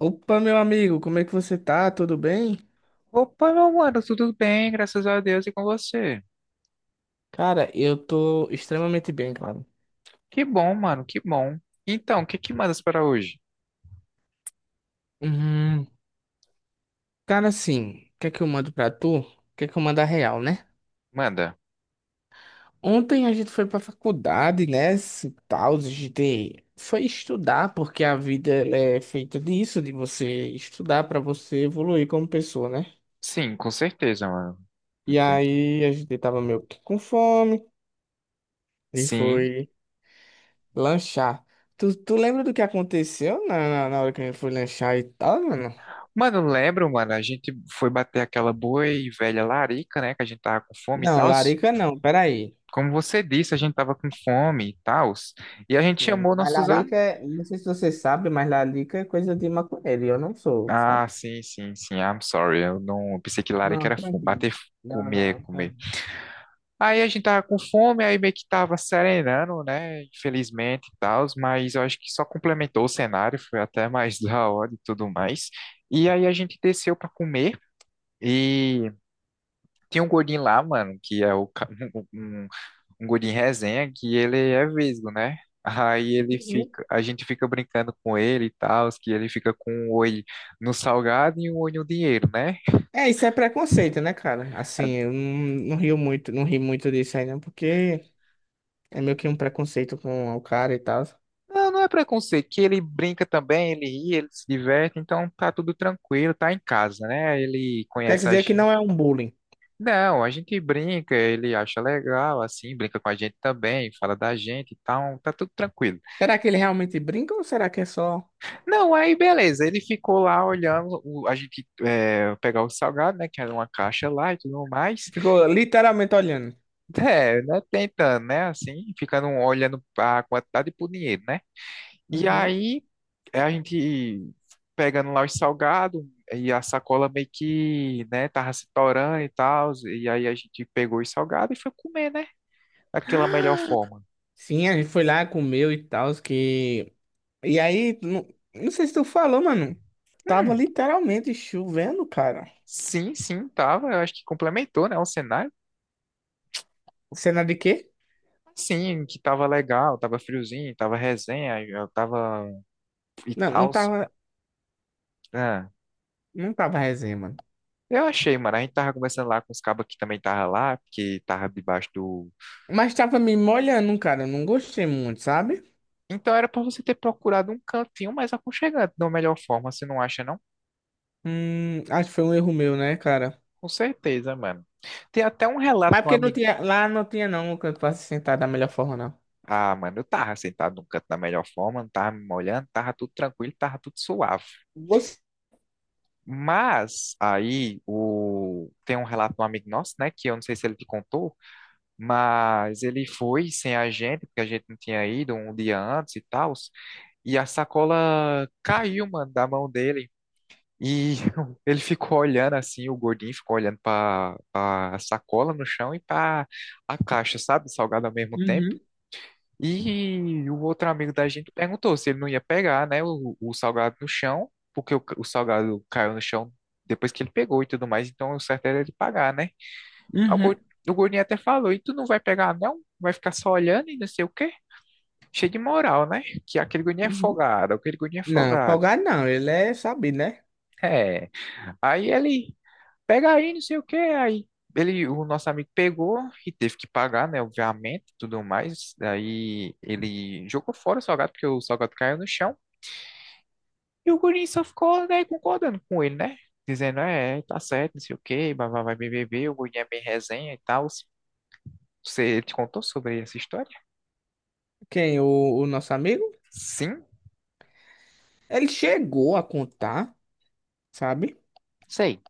Opa, meu amigo, como é que você tá? Tudo bem? Opa, meu mano, tudo bem, graças a Deus e com você. Cara, eu tô extremamente bem, claro. Que bom, mano, que bom. Então, o que que mandas para hoje? Hum, Cara, assim, o que é que eu mando pra tu? O que é que eu mando a real, né? Manda. Ontem a gente foi pra faculdade, né? Se tal, a gente foi estudar, porque a vida ela é feita disso, de você estudar pra você evoluir como pessoa, né? Sim, com certeza, mano. E Então, aí a gente tava meio que com fome e sim. foi lanchar. Tu lembra do que aconteceu na hora que a gente foi lanchar e tal, mano? Mano, lembro, mano, a gente foi bater aquela boa e velha larica, né, que a gente tava com fome e Não, tal. larica não, peraí. Como você disse, a gente tava com fome e tal. E a gente Sim, chamou mas nossos amigos. larica, é- não sei se você sabe, mas larica é coisa de maconheiro, e eu não sou, sabe? Ah, sim, sim, sim, I'm sorry. Eu não, eu pensei que larica Não, era fome, tranquilo. bater, Não, comer, não. É. comer. Aí a gente tava com fome, aí meio que tava serenando, né? Infelizmente e tal, mas eu acho que só complementou o cenário, foi até mais da hora e tudo mais. E aí a gente desceu pra comer e tinha um gordinho lá, mano, que é o, ca- um, um um gordinho resenha, que ele é vesgo, né? Aí ele Uhum. fica, a gente fica brincando com ele e tal, que ele fica com um olho no salgado e um olho no dinheiro, né? É, isso é preconceito, né, cara? Assim, eu não, não rio muito, não ri muito disso aí, não, porque é meio que um preconceito com o cara e tal. Não, não é preconceito, que ele brinca também, ele ri, ele se diverte, então tá tudo tranquilo, tá em casa, né? Ele Quer conhece a dizer que gente. não é um bullying. Não, a gente brinca, ele acha legal, assim, brinca com a gente também, fala da gente e tal, tá tudo tranquilo. Será que ele realmente brinca ou será que é só. Não, aí beleza, ele ficou lá olhando, a gente é, pegar o salgado, né, que era uma caixa lá e tudo mais. Ficou literalmente olhando. É, né, tentando, né, assim, ficando olhando a quantidade e pro dinheiro, né? E Uhum. aí é, a gente pegando lá os salgados e a sacola meio que, né, tava se torando e tal, e aí a gente pegou os salgados e foi comer, né, daquela melhor forma. Sim, a gente foi lá, comeu e tal, que E aí, não, não sei se tu falou, mano. Tava Hum, literalmente chovendo, cara. sim, sim, tava, eu acho que complementou, né, o cenário. Cena de quê? Sim, que tava legal, tava friozinho, tava resenha, eu tava e Não, não tal. tava, Ah, não tava resenha, mano. eu achei, mano. A gente tava conversando lá com os cabos que também tava lá, porque tava debaixo do. Mas tava me molhando, cara. Eu não gostei muito, sabe? Então era pra você ter procurado um cantinho mais aconchegante, da melhor forma, você não acha, não? Acho que foi um erro meu, né, cara? Com certeza, mano. Tem até um relato Mas de um porque não amigo. tinha, lá não tinha não o canto pra se sentar da melhor forma, não. Ah, mano, eu tava sentado num canto da melhor forma, não tava me molhando, tava tudo tranquilo, tava tudo suave. Você... Mas aí o... tem um relato de um amigo nosso, né? Que eu não sei se ele te contou, mas ele foi sem a gente, porque a gente não tinha ido um dia antes e tal. E a sacola caiu, mano, da mão dele. E ele ficou olhando assim, o gordinho ficou olhando para a sacola no chão e para a caixa, sabe, salgado ao mesmo tempo. Uhum, E o outro amigo da gente perguntou se ele não ia pegar, né, o salgado no chão, porque o salgado caiu no chão depois que ele pegou e tudo mais, então o certo era ele pagar, né? Aí O, uhum, gor- o gordinho até falou: e tu não vai pegar, não? Vai ficar só olhando e não sei o quê? Cheio de moral, né? Que aquele gordinho é uhum. folgado, aquele gordinho é Não, folgado. folgado não. Ele é sabido, né? É. Aí ele. Pega aí, não sei o que. Aí ele, o nosso amigo pegou e teve que pagar, né? Obviamente, tudo mais. Aí ele jogou fora o salgado, porque o salgado caiu no chão. E o guri só ficou, né, concordando com ele, né? Dizendo, é, tá certo, não sei o quê, vai, vai, vai, beber, o guri é bem resenha e tal. Você te contou sobre essa história? Quem? O nosso amigo? Sim, Ele chegou a contar, sabe? sei.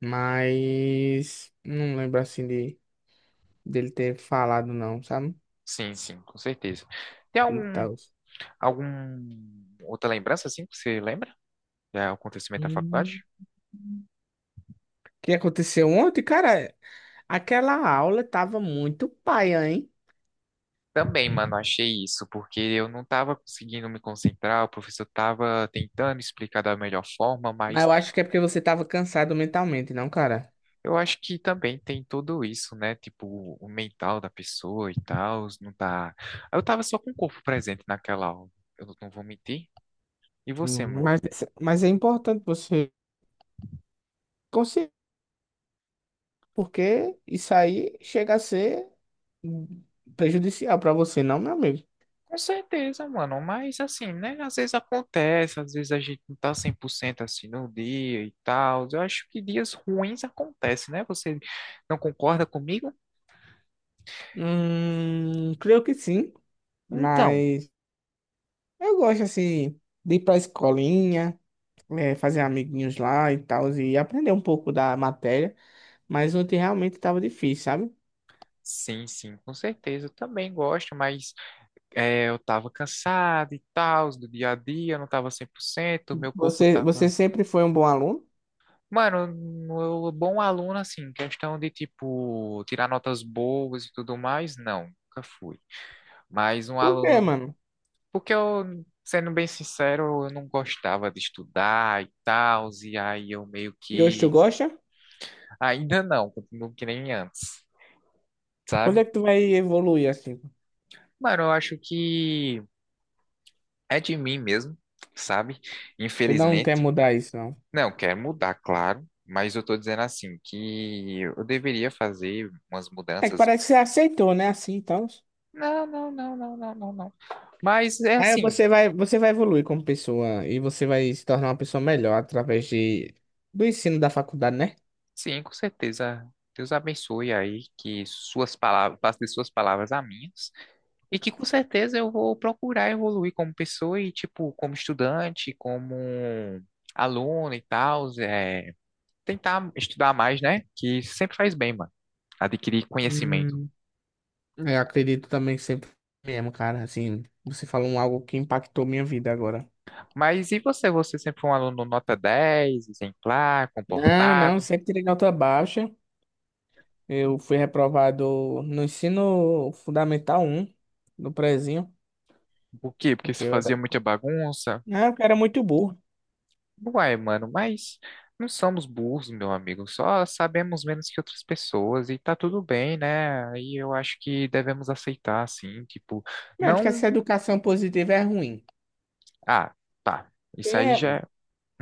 Mas não lembro assim de. Dele ter falado não, sabe? Sim, sim, com certeza. Tem E algum, tal. algum outra lembrança, assim, que você lembra? Do acontecimento da Uhum. O faculdade? Que aconteceu ontem, cara? Aquela aula tava muito paia, hein? Também, mano, achei isso, porque eu não tava conseguindo me concentrar, o professor tava tentando explicar da melhor forma, Mas mas eu acho que é porque você tava cansado mentalmente, não, cara? eu acho que também tem tudo isso, né? Tipo, o mental da pessoa e tal, não tá. Eu tava só com o corpo presente naquela aula, eu não vou mentir. E você, Hum, mano? Mas, mas é importante você conseguir, porque isso aí chega a ser hum, prejudicial pra você, não, meu amigo? Com certeza, mano, mas assim, né? Às vezes acontece, às vezes a gente não tá 100% assim no dia e tal. Eu acho que dias ruins acontecem, né? Você não concorda comigo? Creio que sim, Então, mas eu gosto assim de ir pra escolinha, fazer amiguinhos lá e tal, e aprender um pouco da matéria. Mas ontem realmente tava difícil, sabe? sim, sim, com certeza. Eu também gosto, mas é, eu tava cansado e tal, do dia a dia, eu não tava 100%, meu corpo Você tava. sempre foi um bom aluno? Mano, bom aluno, assim, questão de, tipo, tirar notas boas e tudo mais, não, nunca fui. Mas um Por quê, aluno. mano? Porque eu, sendo bem sincero, eu não gostava de estudar e tal, e aí eu meio E hoje tu que. gosta? Ainda não, continuo que nem antes, Quando sabe? é que tu vai evoluir assim? Mano, eu acho que é de mim mesmo, sabe? Tu não quer Infelizmente. mudar isso, não. Não, quero mudar, claro, mas eu tô dizendo assim, que eu deveria fazer umas É que mudanças. parece que você aceitou, né? Assim, então. Não, não, não, não, não, não, não. Mas é Aí assim, você vai evoluir como pessoa e você vai se tornar uma pessoa melhor através de, do ensino da faculdade, né? sim, com certeza. Deus abençoe aí que suas palavras, passe de suas palavras a minhas, e que com certeza eu vou procurar evoluir como pessoa e, tipo, como estudante, como aluno e tal, é, tentar estudar mais, né? Que sempre faz bem, mano, adquirir conhecimento. Hum, eu acredito também que sempre mesmo, cara. Assim, você falou um algo que impactou minha vida agora. Mas e você? Você sempre foi um aluno nota 10 exemplar, Não, não, comportado? sempre tirei nota baixa. Eu fui reprovado no ensino fundamental um no prezinho, Por quê? Porque porque você eu era, fazia muita bagunça? ah, eu era muito burro. Uai, mano, mas não somos burros, meu amigo. Só sabemos menos que outras pessoas e tá tudo bem, né? E eu acho que devemos aceitar, assim, tipo, Não, acho que não. essa educação positiva é ruim. Ah, tá. Isso aí já. É, É,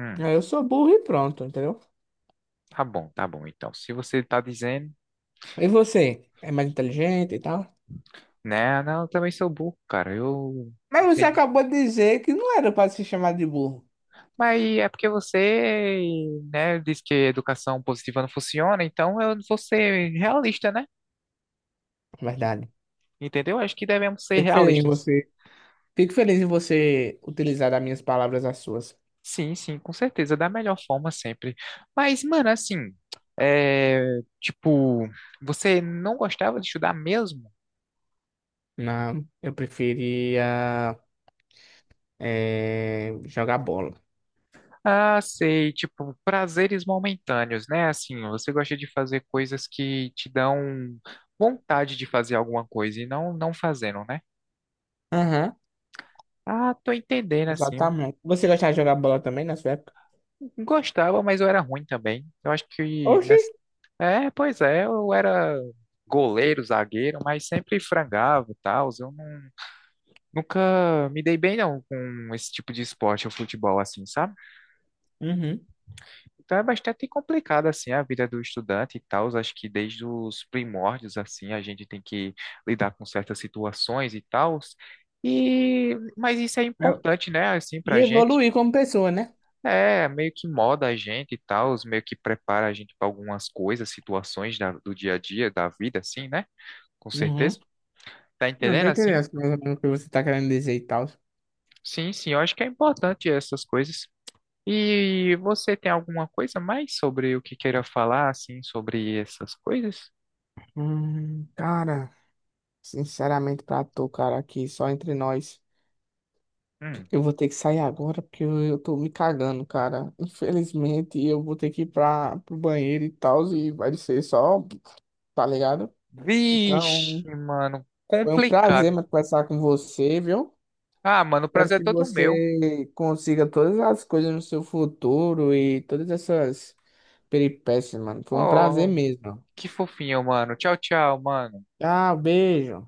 hum, ah, eu sou burro e pronto, entendeu? tá bom, tá bom. Então, se você tá dizendo, E você? É mais inteligente e tal? né? "Ah, não, eu também sou burro, cara. Eu. Mas você acabou de dizer que não era para se chamar de burro. Mas é porque você, né, disse que educação positiva não funciona, então eu vou ser realista, né? É verdade. Entendeu? Acho que devemos ser Fico feliz em realistas. você. Fico feliz em você utilizar as minhas palavras as suas. Sim, sim, com certeza, da melhor forma sempre. Mas, mano, assim, é, tipo, você não gostava de estudar mesmo? Não, eu preferia jogar bola. Ah, sei, tipo, prazeres momentâneos, né? Assim, você gosta de fazer coisas que te dão vontade de fazer alguma coisa e não fazendo, né? Aham. Ah, tô entendendo, assim. Exatamente. Você gostava de jogar bola também na sua época? Gostava, mas eu era ruim também. Eu acho que Oxi! nessa... É, pois é, eu era goleiro, zagueiro, mas sempre frangava e tal. Eu não- Nunca me dei bem não com esse tipo de esporte, o futebol assim, sabe? Uhum. Então é bastante complicado assim a vida do estudante e tal. Acho que desde os primórdios assim, a gente tem que lidar com certas situações e tal. E mas isso é Eu- importante, né, assim pra E gente. evoluir como pessoa, né? É, meio que moda a gente e tal, os meio que prepara a gente para algumas coisas, situações do dia a dia, da vida, assim, né? Com Uhum. certeza. Tá Não tô entendendo entendendo assim? mais ou menos o que você tá querendo dizer e tal. Sim, sim, eu acho que é importante essas coisas. E você tem alguma coisa mais sobre o que queira falar, assim, sobre essas coisas? Cara, sinceramente pra tu, cara, aqui só entre nós, Hum. eu vou ter que sair agora porque eu tô me cagando, cara. Infelizmente, eu vou ter que ir pro banheiro e tal, e vai ser só, tá ligado? Vixe, Então, mano, foi um prazer complicado. mas, conversar com você, viu? Ah, mano, o Espero prazer é que todo meu. você consiga todas as coisas no seu futuro e todas essas peripécias, mano. Foi um prazer Oh, mesmo. que fofinho, mano. Tchau, tchau, mano. Tchau, beijo.